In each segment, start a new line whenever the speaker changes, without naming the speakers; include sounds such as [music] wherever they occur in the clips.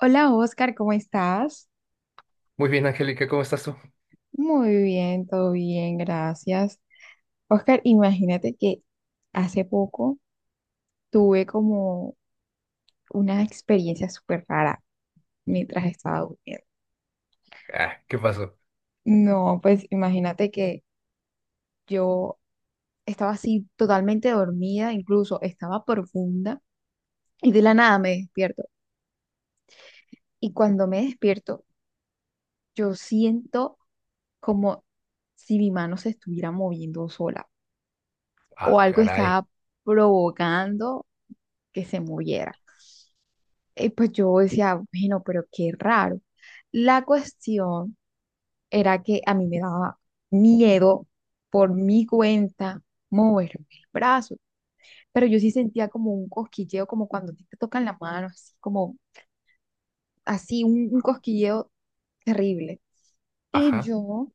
Hola Oscar, ¿cómo estás?
Muy bien, Angélica, ¿cómo estás tú?
Muy bien, todo bien, gracias. Oscar, imagínate que hace poco tuve como una experiencia súper rara mientras estaba durmiendo.
Ah, ¿qué pasó?
No, pues imagínate que yo estaba así totalmente dormida, incluso estaba profunda y de la nada me despierto. Y cuando me despierto, yo siento como si mi mano se estuviera moviendo sola. O
Ah,
algo
caray.
estaba provocando que se moviera. Y pues yo decía, bueno, pero qué raro. La cuestión era que a mí me daba miedo por mi cuenta moverme el brazo, pero yo sí sentía como un cosquilleo, como cuando a ti te tocan la mano, así como así, un cosquilleo terrible. Y
Ajá.
yo,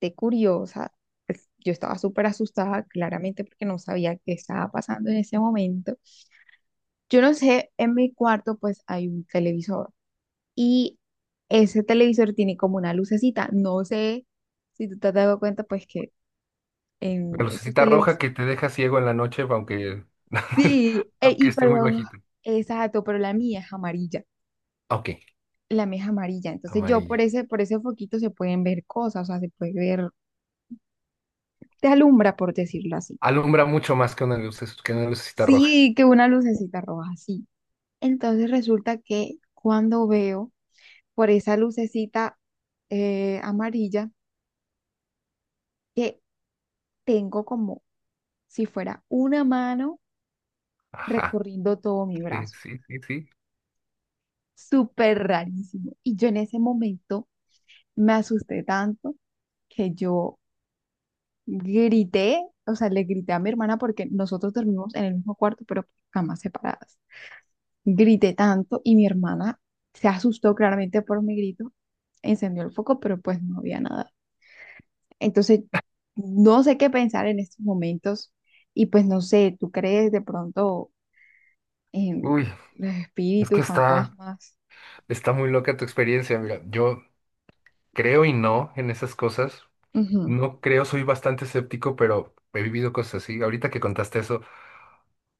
de curiosa, pues, yo estaba súper asustada, claramente porque no sabía qué estaba pasando en ese momento. Yo no sé, en mi cuarto pues hay un televisor y ese televisor tiene como una lucecita. No sé si tú te has dado cuenta pues que en
La
esos
lucecita roja
televisores...
que te deja ciego en la noche, aunque, [laughs]
Sí,
aunque
y
esté muy
pero...
bajito.
Exacto, pero la mía es amarilla.
Ok,
La mía es amarilla. Entonces yo por
amarilla.
por ese foquito se pueden ver cosas, o sea, se puede ver, te alumbra por decirlo así.
Alumbra mucho más que una luz, que una lucecita roja.
Sí, que una lucecita roja, sí. Entonces resulta que cuando veo por esa lucecita amarilla, que tengo como si fuera una mano
Ajá.
recorriendo todo mi
Sí,
brazo.
sí, sí, sí.
Súper rarísimo. Y yo en ese momento me asusté tanto que yo grité, o sea, le grité a mi hermana porque nosotros dormimos en el mismo cuarto, pero por camas separadas. Grité tanto y mi hermana se asustó claramente por mi grito, encendió el foco, pero pues no había nada. Entonces, no sé qué pensar en estos momentos y pues no sé, ¿tú crees de pronto? em,
Uy,
los
es que
espíritus, fantasmas.
está muy loca tu experiencia. Mira, yo creo y no en esas cosas.
Ujú.
No creo, soy bastante escéptico, pero he vivido cosas así. Ahorita que contaste eso,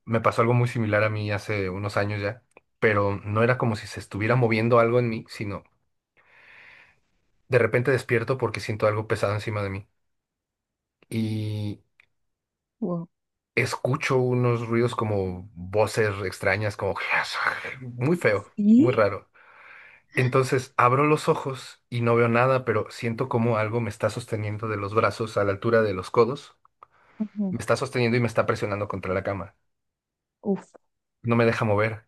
me pasó algo muy similar a mí hace unos años ya, pero no era como si se estuviera moviendo algo en mí, sino de repente despierto porque siento algo pesado encima de mí y
Wow.
escucho unos ruidos como voces extrañas, como [laughs] muy feo, muy
¿Sí?
raro. Entonces abro los ojos y no veo nada, pero siento como algo me está sosteniendo de los brazos a la altura de los codos,
Ujú.
me está sosteniendo y me está presionando contra la cama.
Uf.
No me deja mover.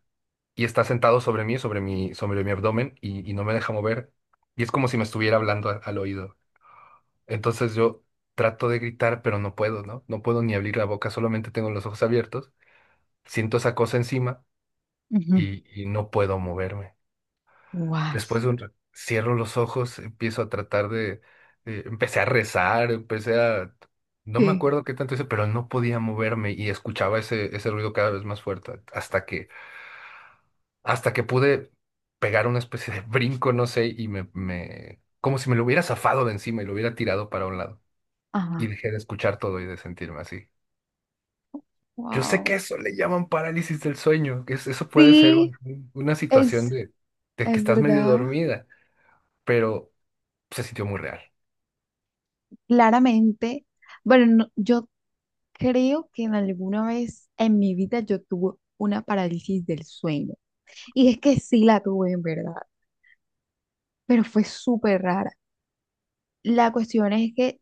Y está sentado sobre mí, sobre mi abdomen, y no me deja mover. Y es como si me estuviera hablando al oído. Entonces yo trato de gritar, pero no puedo, ¿no? No puedo ni abrir la boca, solamente tengo los ojos abiertos. Siento esa cosa encima
Ujú.
y no puedo moverme.
Guay.
Después de un cierro los ojos, empiezo a tratar de… empecé a rezar, empecé a… No me
Sí.
acuerdo qué tanto hice, pero no podía moverme y escuchaba ese ruido cada vez más fuerte hasta que pude pegar una especie de [laughs] brinco, no sé, y como si me lo hubiera zafado de encima y lo hubiera tirado para un lado. Y
Ajá.
dejé de escuchar todo y de sentirme así. Yo sé que
Wow.
eso le llaman parálisis del sueño, que eso puede ser
Sí,
una situación
es,
de que
es
estás medio
verdad.
dormida, pero se sintió muy real.
Claramente. Bueno, yo creo que en alguna vez en mi vida yo tuve una parálisis del sueño. Y es que sí la tuve en verdad, pero fue súper rara. La cuestión es que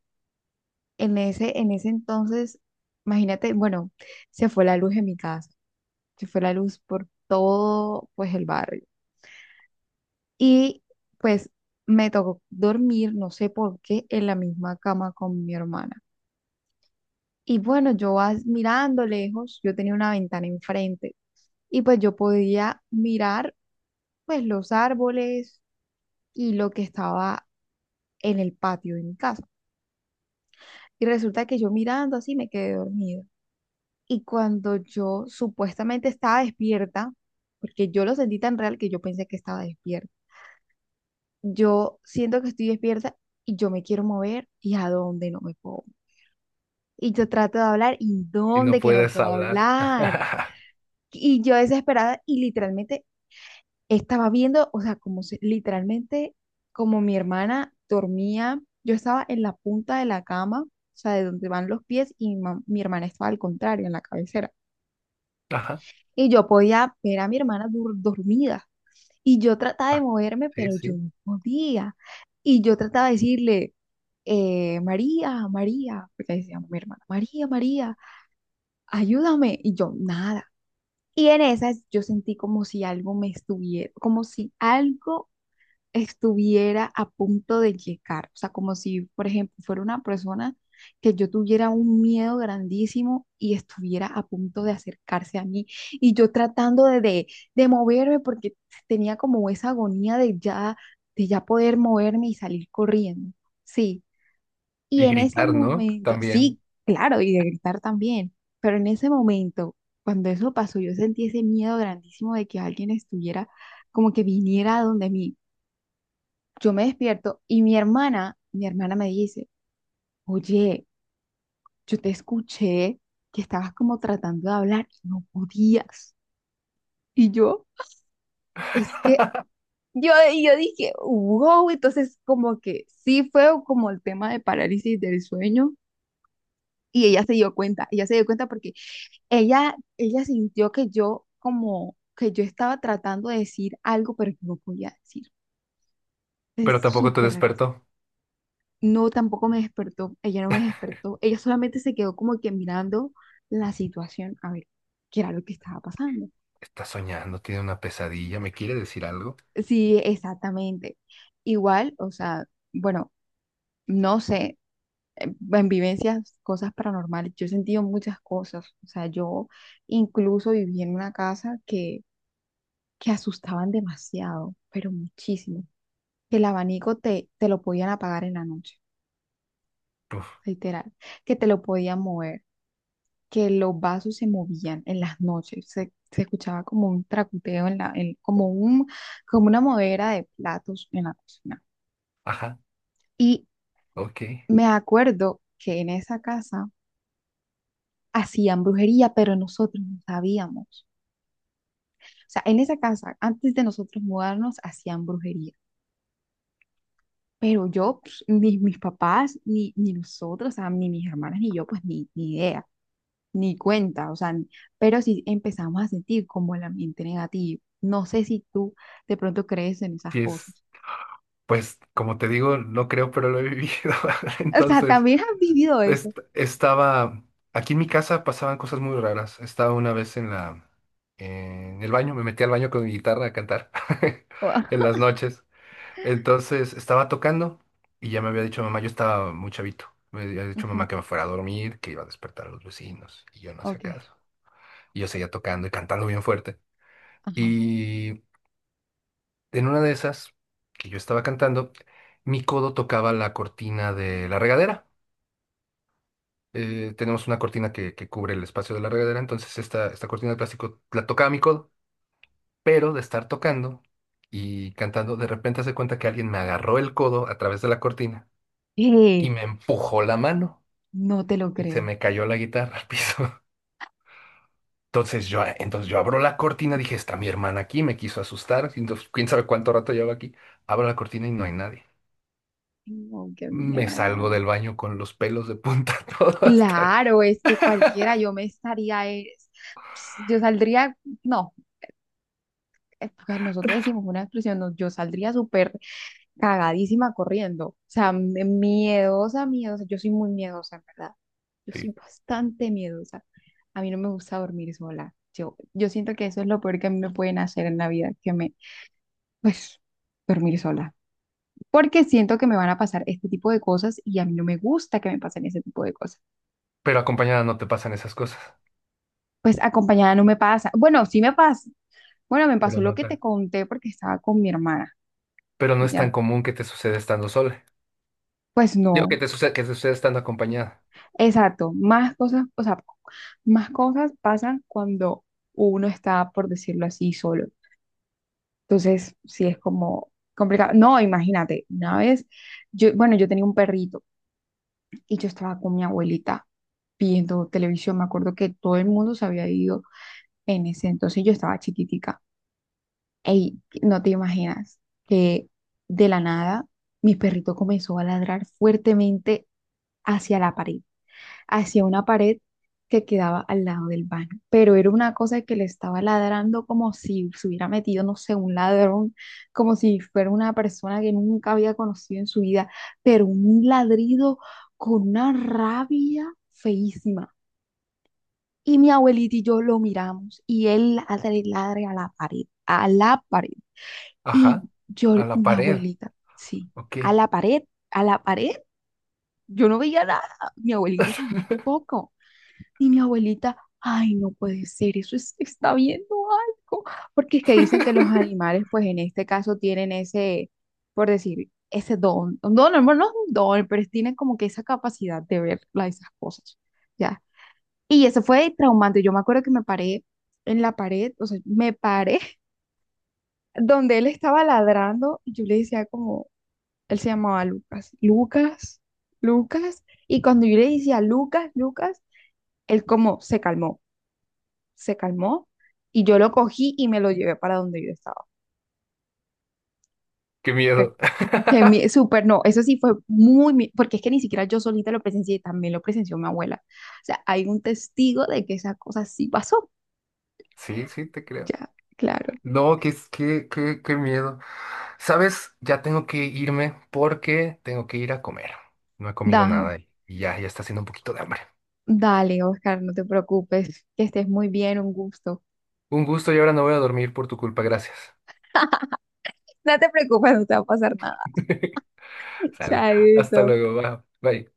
en en ese entonces, imagínate, bueno, se fue la luz en mi casa. Se fue la luz por todo, pues, el barrio. Y, pues, me tocó dormir, no sé por qué, en la misma cama con mi hermana. Y bueno, yo mirando lejos, yo tenía una ventana enfrente y pues yo podía mirar pues los árboles y lo que estaba en el patio de mi casa. Y resulta que yo mirando así me quedé dormida. Y cuando yo supuestamente estaba despierta, porque yo lo sentí tan real que yo pensé que estaba despierta, yo siento que estoy despierta y yo me quiero mover y a dónde no me puedo. Y yo trato de hablar y
Y no
dónde que no
puedes
puedo
hablar.
hablar.
[laughs]
Y yo desesperada y literalmente estaba viendo, o sea, literalmente como mi hermana dormía, yo estaba en la punta de la cama, o sea, de donde van los pies y mi hermana estaba al contrario, en la cabecera.
Ajá.
Y yo podía ver a mi hermana dormida. Y yo trataba de
Ah,
moverme,
sí,
pero yo
sí.
no podía. Y yo trataba de decirle, María, María, porque ahí se llama mi hermana, María, María, ayúdame. Y yo, nada. Y en esas yo sentí como si algo me estuviera, como si algo estuviera a punto de llegar. O sea, como si, por ejemplo, fuera una persona que yo tuviera un miedo grandísimo y estuviera a punto de acercarse a mí. Y yo tratando de moverme porque tenía como esa agonía de ya poder moverme y salir corriendo. Sí. Y
Y
en ese
gritar, ¿no?
momento,
También.
sí, claro, y de gritar también, pero en ese momento, cuando eso pasó, yo sentí ese miedo grandísimo de que alguien estuviera, como que viniera a donde mí. Yo me despierto y mi hermana me dice, oye, yo te escuché que estabas como tratando de hablar y no podías. Y yo, es que yo, y yo dije, wow, entonces como que sí fue como el tema de parálisis del sueño. Y ella se dio cuenta, ella se dio cuenta porque ella sintió que yo como que yo estaba tratando de decir algo, pero yo no podía decir.
Pero
Es
tampoco te
súper raro.
despertó.
No, tampoco me despertó. Ella no me despertó. Ella solamente se quedó como que mirando la situación a ver qué era lo que estaba pasando.
Está soñando, tiene una pesadilla, ¿me quiere decir algo?
Sí, exactamente. Igual, o sea, bueno, no sé, en vivencias, cosas paranormales, yo he sentido muchas cosas. O sea, yo incluso viví en una casa que asustaban demasiado, pero muchísimo. Que el abanico te lo podían apagar en la noche,
Uf,
literal, que te lo podían mover, que los vasos se movían en las noches, se escuchaba como un tracuteo en como como una movera de platos en la cocina.
ajá,
Y
ok.
me acuerdo que en esa casa hacían brujería, pero nosotros no sabíamos. O sea, en esa casa, antes de nosotros mudarnos, hacían brujería. Pero yo, pues, ni mis papás, ni nosotros, o sea, ni mis hermanas, ni yo, pues ni idea. Ni cuenta, o sea, pero sí empezamos a sentir como el ambiente negativo. No sé si tú de pronto crees en esas
Sí es,
cosas.
pues como te digo, no creo, pero lo he vivido. [laughs]
[laughs] O sea,
Entonces,
también has vivido eso.
est- estaba, aquí en mi casa pasaban cosas muy raras. Estaba una vez en en el baño, me metí al baño con mi guitarra a cantar [laughs] en
[laughs]
las noches. Entonces estaba tocando y ya me había dicho mamá, yo estaba muy chavito. Me había dicho
Ujú.
mamá que me fuera a dormir, que iba a despertar a los vecinos y yo no hacía
Ok,
caso. Y yo seguía tocando y cantando bien fuerte.
ajá.
Y en una de esas que yo estaba cantando, mi codo tocaba la cortina de la regadera. Tenemos una cortina que cubre el espacio de la regadera, entonces esta cortina de plástico la tocaba mi codo, pero de estar tocando y cantando, de repente hace cuenta que alguien me agarró el codo a través de la cortina y
Eh,
me empujó la mano.
no te lo
Y se
creo.
me cayó la guitarra al piso. [laughs] Entonces yo abro la cortina, dije, está mi hermana aquí, me quiso asustar, entonces, quién sabe cuánto rato llevo aquí. Abro la cortina y no hay nadie.
No, qué
Me salgo
miedo.
del baño con los pelos de punta, [laughs] todo hasta…
Claro, es que cualquiera, yo me estaría, yo saldría, no, porque nosotros decimos una expresión, no, yo saldría súper cagadísima corriendo. O sea, miedosa, miedosa. Yo soy muy miedosa, en verdad. Yo soy
Sí.
bastante miedosa. A mí no me gusta dormir sola. Yo siento que eso es lo peor que a mí me pueden hacer en la vida, que me, pues, dormir sola. Porque siento que me van a pasar este tipo de cosas y a mí no me gusta que me pasen ese tipo de cosas.
Pero acompañada no te pasan esas cosas.
Pues acompañada no me pasa. Bueno, sí me pasa. Bueno, me
Pero
pasó lo
no
que te
tan.
conté porque estaba con mi hermana,
Pero no es tan
¿ya?
común que te suceda estando sola.
Pues
Digo que
no.
te sucede, que te suceda estando acompañada.
Exacto, más cosas, o sea, más cosas pasan cuando uno está, por decirlo así, solo. Entonces, sí es como complicado. No, imagínate, una vez, yo, bueno, yo tenía un perrito y yo estaba con mi abuelita viendo televisión. Me acuerdo que todo el mundo se había ido en ese entonces, yo estaba chiquitica. Ey, no te imaginas que de la nada mi perrito comenzó a ladrar fuertemente hacia la pared. Hacia una pared que quedaba al lado del baño, pero era una cosa que le estaba ladrando como si se hubiera metido, no sé, un ladrón, como si fuera una persona que nunca había conocido en su vida, pero un ladrido con una rabia feísima. Y mi abuelita y yo lo miramos y él ladre, ladre a la pared, a la pared. Y
Ajá,
yo,
a la
mi
pared.
abuelita, sí,
Ok.
a la
[laughs]
pared, a la pared. Yo no veía nada, mi abuelita tampoco. Y mi abuelita, ay, no puede ser, está viendo algo, porque es que dicen que los animales, pues en este caso, tienen ese, por decir, ese don, un don, hermano, no es un don, pero tienen como que esa capacidad de ver esas cosas, ¿ya? Y eso fue traumante, yo me acuerdo que me paré en la pared, o sea, me paré [laughs] donde él estaba ladrando, y yo le decía como, él se llamaba Lucas, Lucas, Lucas, y cuando yo le decía Lucas, Lucas, él como se calmó. Se calmó y yo lo cogí y me lo llevé para donde yo estaba.
Qué
Pero,
miedo.
que mi, súper, no, eso sí fue muy, porque es que ni siquiera yo solita lo presencié, también lo presenció mi abuela. O sea, hay un testigo de que esa cosa sí pasó.
Sí, sí, te creo.
Ya, claro.
No, qué miedo. Sabes, ya tengo que irme porque tengo que ir a comer. No he comido
Dale,
nada y ya está haciendo un poquito de hambre.
dale, Oscar, no te preocupes, que estés muy bien, un gusto.
Un gusto y ahora no voy a dormir por tu culpa, gracias.
No te preocupes, no te va a pasar nada.
[laughs]
[laughs]
Sale, hasta
Chaito.
luego, va. Bye.